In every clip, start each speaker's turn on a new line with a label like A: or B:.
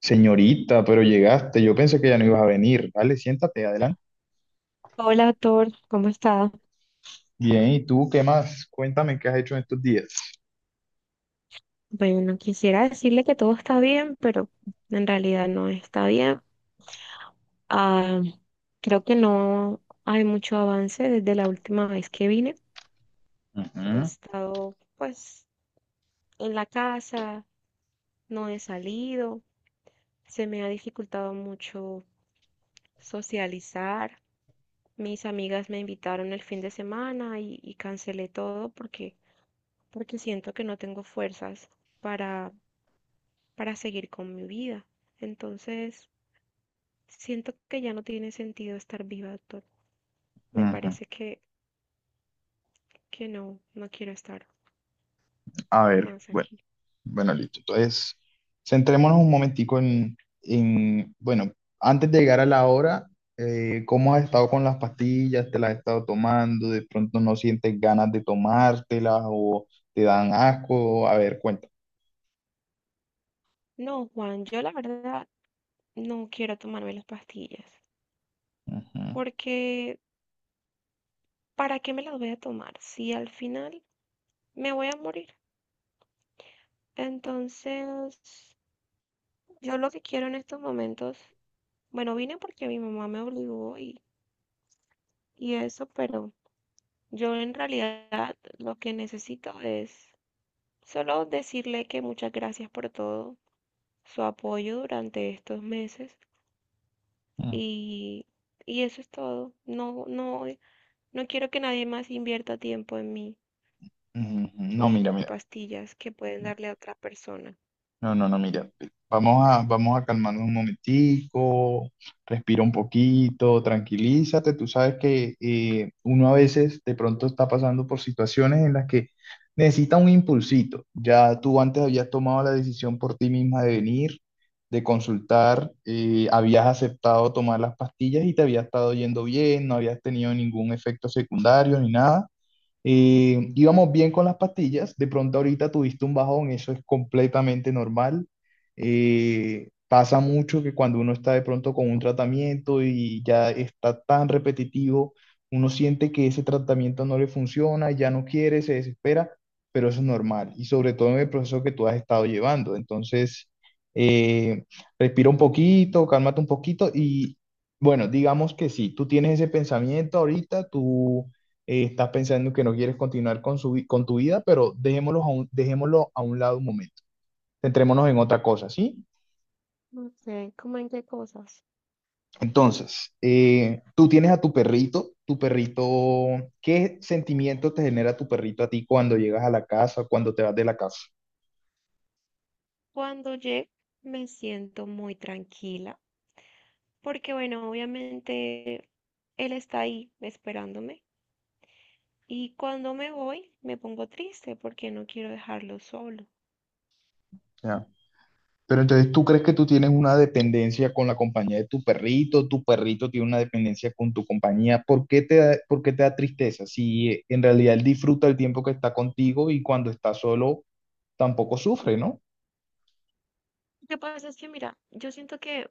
A: Señorita, pero llegaste. Yo pensé que ya no ibas a venir. Dale, siéntate, adelante.
B: Hola, Thor, ¿cómo está?
A: Bien, ¿y tú qué más? Cuéntame qué has hecho en estos días.
B: Bueno, quisiera decirle que todo está bien, pero en realidad no está bien. Ah, creo que no hay mucho avance desde la última vez que vine. He
A: Ujú,
B: estado, pues, en la casa, no he salido, se me ha dificultado mucho socializar. Mis amigas me invitaron el fin de semana y cancelé todo porque siento que no tengo fuerzas para, para seguir con mi vida. Entonces, siento que ya no tiene sentido estar viva, doctor. Me
A: ujú.
B: parece que no, no quiero estar
A: A ver,
B: más
A: bueno,
B: aquí.
A: bueno, listo. Entonces, centrémonos un momentico bueno, antes de llegar a la hora, ¿cómo has estado con las pastillas? ¿Te las has estado tomando? ¿De pronto no sientes ganas de tomártelas o te dan asco? A ver, cuéntame.
B: No, Juan, yo la verdad no quiero tomarme las pastillas,
A: Ujú,
B: porque ¿para qué me las voy a tomar si al final me voy a morir? Entonces, yo lo que quiero en estos momentos, bueno, vine porque mi mamá me obligó y eso, pero yo en realidad lo que necesito es solo decirle que muchas gracias por todo su apoyo durante estos meses
A: ujú,
B: y, y eso es todo. No, no, no quiero que nadie más invierta tiempo en mí,
A: ujú. No,
B: ni
A: mira, mira.
B: pastillas que pueden darle a otra persona.
A: No, no, no, mira, vamos a calmarnos un momentico, respira un poquito, tranquilízate. Tú sabes que uno a veces de pronto está pasando por situaciones en las que necesita un impulsito. Ya tú antes habías tomado la decisión por ti misma de venir, de consultar, habías aceptado tomar las pastillas y te había estado yendo bien, no habías tenido ningún efecto secundario ni nada. Íbamos bien con las pastillas, de pronto ahorita tuviste un bajón, eso es completamente normal. Pasa mucho que cuando uno está de pronto con un tratamiento y ya está tan repetitivo, uno siente que ese tratamiento no le funciona, ya no quiere, se desespera, pero eso es normal y sobre todo en el proceso que tú has estado llevando. Entonces, eh, respira un poquito, cálmate un poquito y bueno, digamos que sí, tú tienes ese pensamiento ahorita, tú estás pensando que no quieres continuar con tu vida, pero dejémoslo a un lado un momento. Centrémonos en otra cosa, ¿sí?
B: No sé, ¿cómo en qué cosas?
A: Entonces, tú tienes a tu perrito, ¿qué sentimiento te genera tu perrito a ti cuando llegas a la casa, cuando te vas de la casa?
B: Cuando llego me siento muy tranquila, porque bueno, obviamente él está ahí esperándome. Y cuando me voy, me pongo triste porque no quiero dejarlo solo.
A: Ya. Pero entonces, ¿tú crees que tú tienes una dependencia con la compañía de tu perrito? ¿Tu perrito tiene una dependencia con tu compañía? ¿Por qué te da tristeza? Si en realidad él disfruta el tiempo que está contigo y cuando está solo tampoco sufre, ¿no?
B: Lo que pasa es que, mira, yo siento que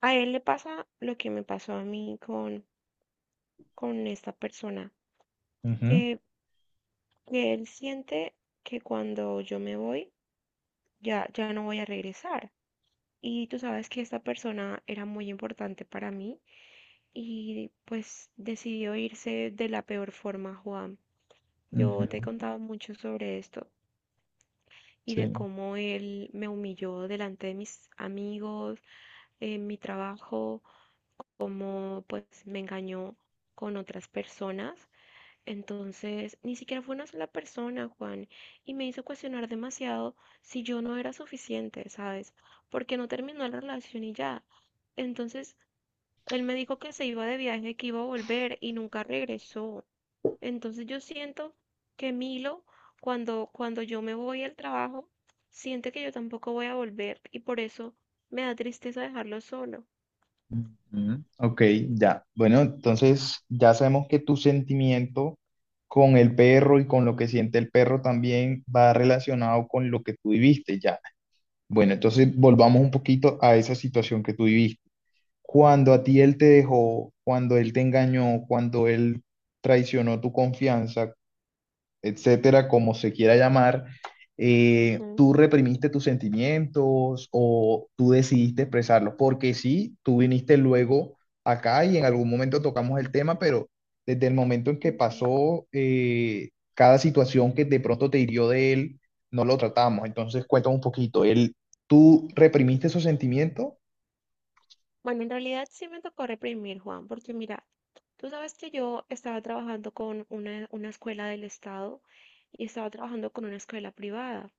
B: a él le pasa lo que me pasó a mí con esta persona,
A: Ujú,
B: que, que él siente que cuando yo me voy, ya, ya no voy a regresar. Y tú sabes que esta persona era muy importante para mí y pues decidió irse de la peor forma, Juan.
A: ujú,
B: Yo te he contado mucho sobre esto y de
A: sí.
B: cómo él me humilló delante de mis amigos, en mi trabajo, cómo pues me engañó con otras personas. Entonces, ni siquiera fue una sola persona, Juan, y me hizo cuestionar demasiado si yo no era suficiente, ¿sabes? Porque no terminó la relación y ya. Entonces, él me dijo que se iba de viaje, que iba a volver y nunca regresó. Entonces, yo siento que Milo, cuando yo me voy al trabajo, siente que yo tampoco voy a volver y por eso me da tristeza dejarlo solo.
A: Ujú. Ok, ya. Bueno, entonces, ya sabemos que tu sentimiento con el perro y con lo que siente el perro también va relacionado con lo que tú viviste, ya. Bueno, entonces volvamos un poquito a esa situación que tú viviste. Cuando a ti él
B: Ok.
A: te dejó, cuando él te engañó, cuando él traicionó tu confianza, etcétera, como se quiera llamar,
B: Ujú,
A: tú reprimiste tus sentimientos o tú decidiste expresarlos, porque sí, tú viniste luego acá y en algún momento tocamos el tema, pero desde el momento en que
B: ujú.
A: pasó cada situación que de pronto te hirió de él, no lo tratamos. Entonces, cuéntame un poquito, él, ¿tú reprimiste esos sentimientos?
B: Bueno, en realidad sí me tocó reprimir, Juan, porque mira, tú sabes que yo estaba trabajando con una escuela del Estado y estaba trabajando con una escuela privada.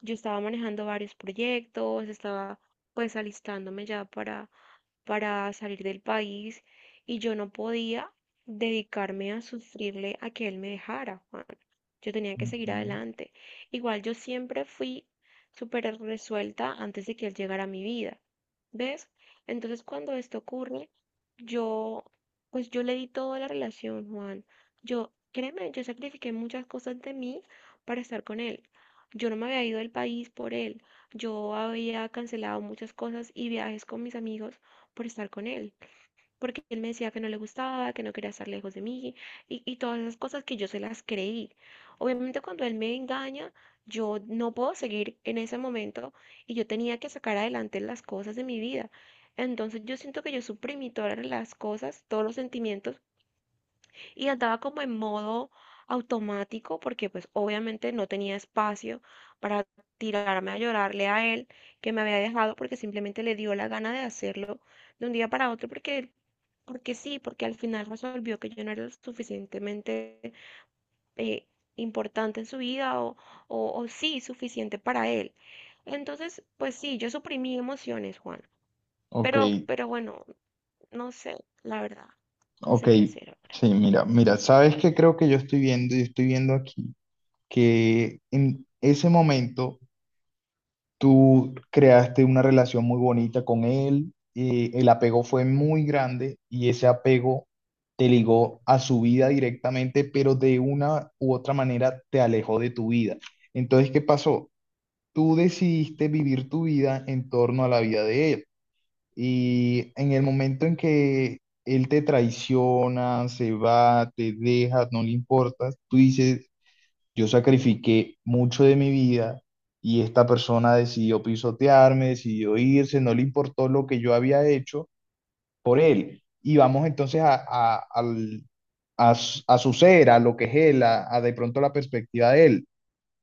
B: Yo estaba manejando varios proyectos, estaba pues alistándome ya para salir del país y yo no podía dedicarme a sufrirle a que él me dejara, Juan. Yo tenía que seguir
A: Ujú.
B: adelante. Igual yo siempre fui súper resuelta antes de que él llegara a mi vida, ¿ves? Entonces cuando esto ocurre, yo, pues yo le di toda la relación, Juan. Yo, créeme, yo sacrifiqué muchas cosas de mí para estar con él. Yo no me había ido del país por él. Yo había cancelado muchas cosas y viajes con mis amigos por estar con él, porque él me decía que no le gustaba, que no quería estar lejos de mí y todas esas cosas que yo se las creí. Obviamente cuando él me engaña, yo no puedo seguir en ese momento y yo tenía que sacar adelante las cosas de mi vida. Entonces yo siento que yo suprimí todas las cosas, todos los sentimientos y andaba como en modo automático porque pues obviamente no tenía espacio para tirarme a llorarle a él que me había dejado porque simplemente le dio la gana de hacerlo de un día para otro porque sí, porque al final resolvió que yo no era lo suficientemente eh, importante en su vida o sí, suficiente para él. Entonces, pues sí, yo suprimí emociones, Juan.
A: Ok,
B: Pero bueno, no sé, la verdad, no
A: ok,
B: sé qué hacer ahora.
A: sí, mira, mira, ¿sabes qué creo que yo estoy viendo? Yo estoy viendo aquí que en ese momento tú creaste una relación muy bonita con él, el apego fue muy grande y ese apego te ligó a su vida directamente, pero de una u otra manera te alejó de tu vida. Entonces, ¿qué pasó? Tú decidiste vivir tu vida en torno a la vida de él y en el momento en que él te traiciona, se va, te deja, no le importas, tú dices yo sacrifiqué mucho de mi vida y esta persona decidió pisotearme, decidió irse, no le importó lo que yo había hecho por él. Y vamos entonces a su ser, a lo que es él, a de pronto la perspectiva de él,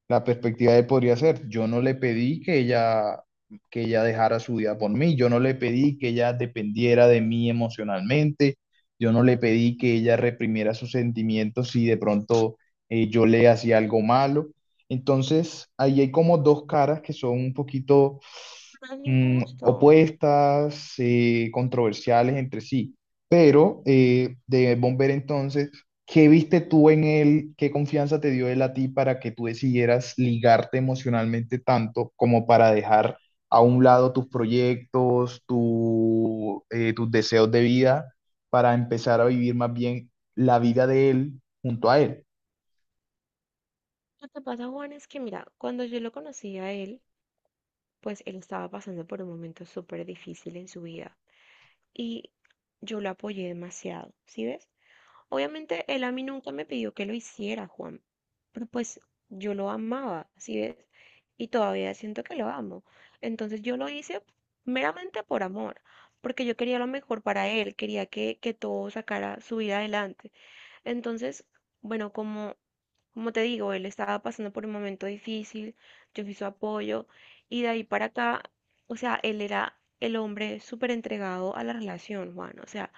A: la perspectiva de podría ser. Yo no le pedí que ella dejara su vida por mí, yo no le pedí que ella dependiera de mí emocionalmente, yo no le pedí que ella reprimiera sus sentimientos si de pronto yo le hacía algo malo. Entonces, ahí hay como dos caras que son un poquito
B: No es injusto.
A: opuestas, controversiales entre sí. Pero de Bomber entonces, ¿qué viste tú en él? ¿Qué confianza te dio él a ti para que tú decidieras ligarte emocionalmente tanto como para dejar a un lado tus proyectos, tus deseos de vida, para empezar a vivir más bien la vida de él junto a él?
B: Lo que pasa, Juan, es que mira, cuando yo lo conocí a él, pues él estaba pasando por un momento súper difícil en su vida y yo lo apoyé demasiado, ¿sí ves? Obviamente él a mí nunca me pidió que lo hiciera, Juan, pero pues yo lo amaba, ¿sí ves? Y todavía siento que lo amo. Entonces yo lo hice meramente por amor, porque yo quería lo mejor para él, quería que todo sacara su vida adelante. Entonces, bueno, como te digo, él estaba pasando por un momento difícil, yo fui su apoyo y de ahí para acá, o sea, él era el hombre súper entregado a la relación, Juan. O sea,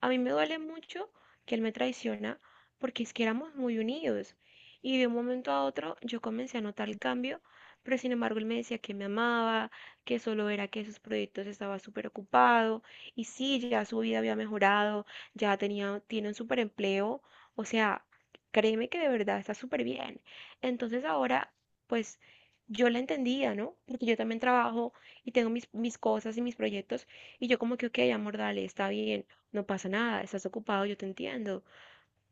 B: a mí me duele mucho que él me traiciona porque es que éramos muy unidos y de un momento a otro yo comencé a notar el cambio, pero sin embargo él me decía que me amaba, que solo era que sus proyectos estaba súper ocupado y sí, ya su vida había mejorado, ya tenía, tiene un súper empleo, o sea... Créeme que de verdad está súper bien. Entonces ahora, pues yo la entendía, ¿no? Porque yo también trabajo y tengo mis cosas y mis proyectos y yo como que, ok, amor, dale, está bien, no pasa nada, estás ocupado, yo te entiendo.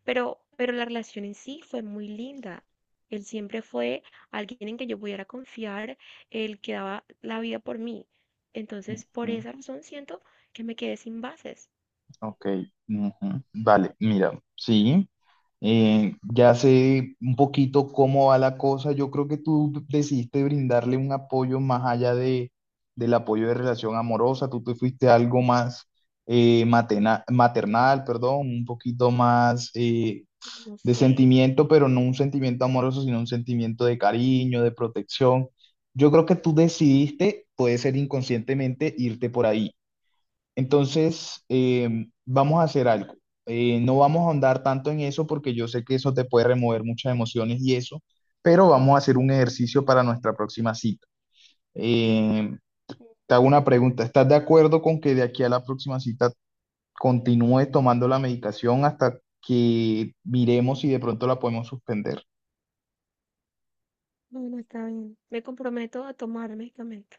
B: Pero la relación en sí fue muy linda. Él siempre fue alguien en que yo pudiera confiar, el que daba la vida por mí. Entonces, por esa razón siento que me quedé sin bases.
A: Ok, ujú, vale, mira, sí, ya sé un poquito cómo va la cosa. Yo creo que tú decidiste brindarle un apoyo más allá del apoyo de relación amorosa. Tú te fuiste a algo más maternal, perdón, un poquito más
B: No
A: de
B: sé.
A: sentimiento, pero no un sentimiento amoroso, sino un sentimiento de cariño, de protección. Yo creo que tú decidiste, puede ser inconscientemente, irte por ahí. Entonces, vamos a hacer algo. No vamos a ahondar tanto en eso porque yo sé que eso te puede remover muchas emociones y eso, pero vamos a hacer un ejercicio para nuestra próxima cita. Eh, Te hago una pregunta. ¿Estás de acuerdo con que de aquí a la próxima cita continúes tomando la medicación hasta que miremos si de pronto la podemos suspender?
B: Bueno, está bien. Me comprometo a tomar medicamentos.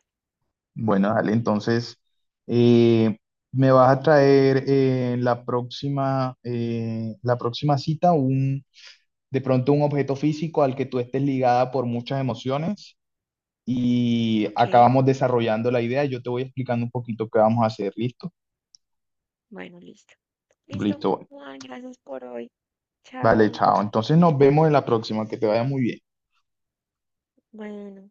A: Bueno, dale, entonces, eh, me vas a traer la próxima cita un de pronto un objeto físico al que tú estés ligada por muchas emociones y
B: Ok,
A: acabamos desarrollando la idea. Yo te voy explicando un poquito qué vamos a hacer, ¿listo?
B: bueno, listo. Listo,
A: Listo, bueno.
B: Juan, gracias por hoy.
A: Vale,
B: Chao.
A: chao. Entonces nos vemos en la próxima, que te vaya muy bien.
B: Bueno.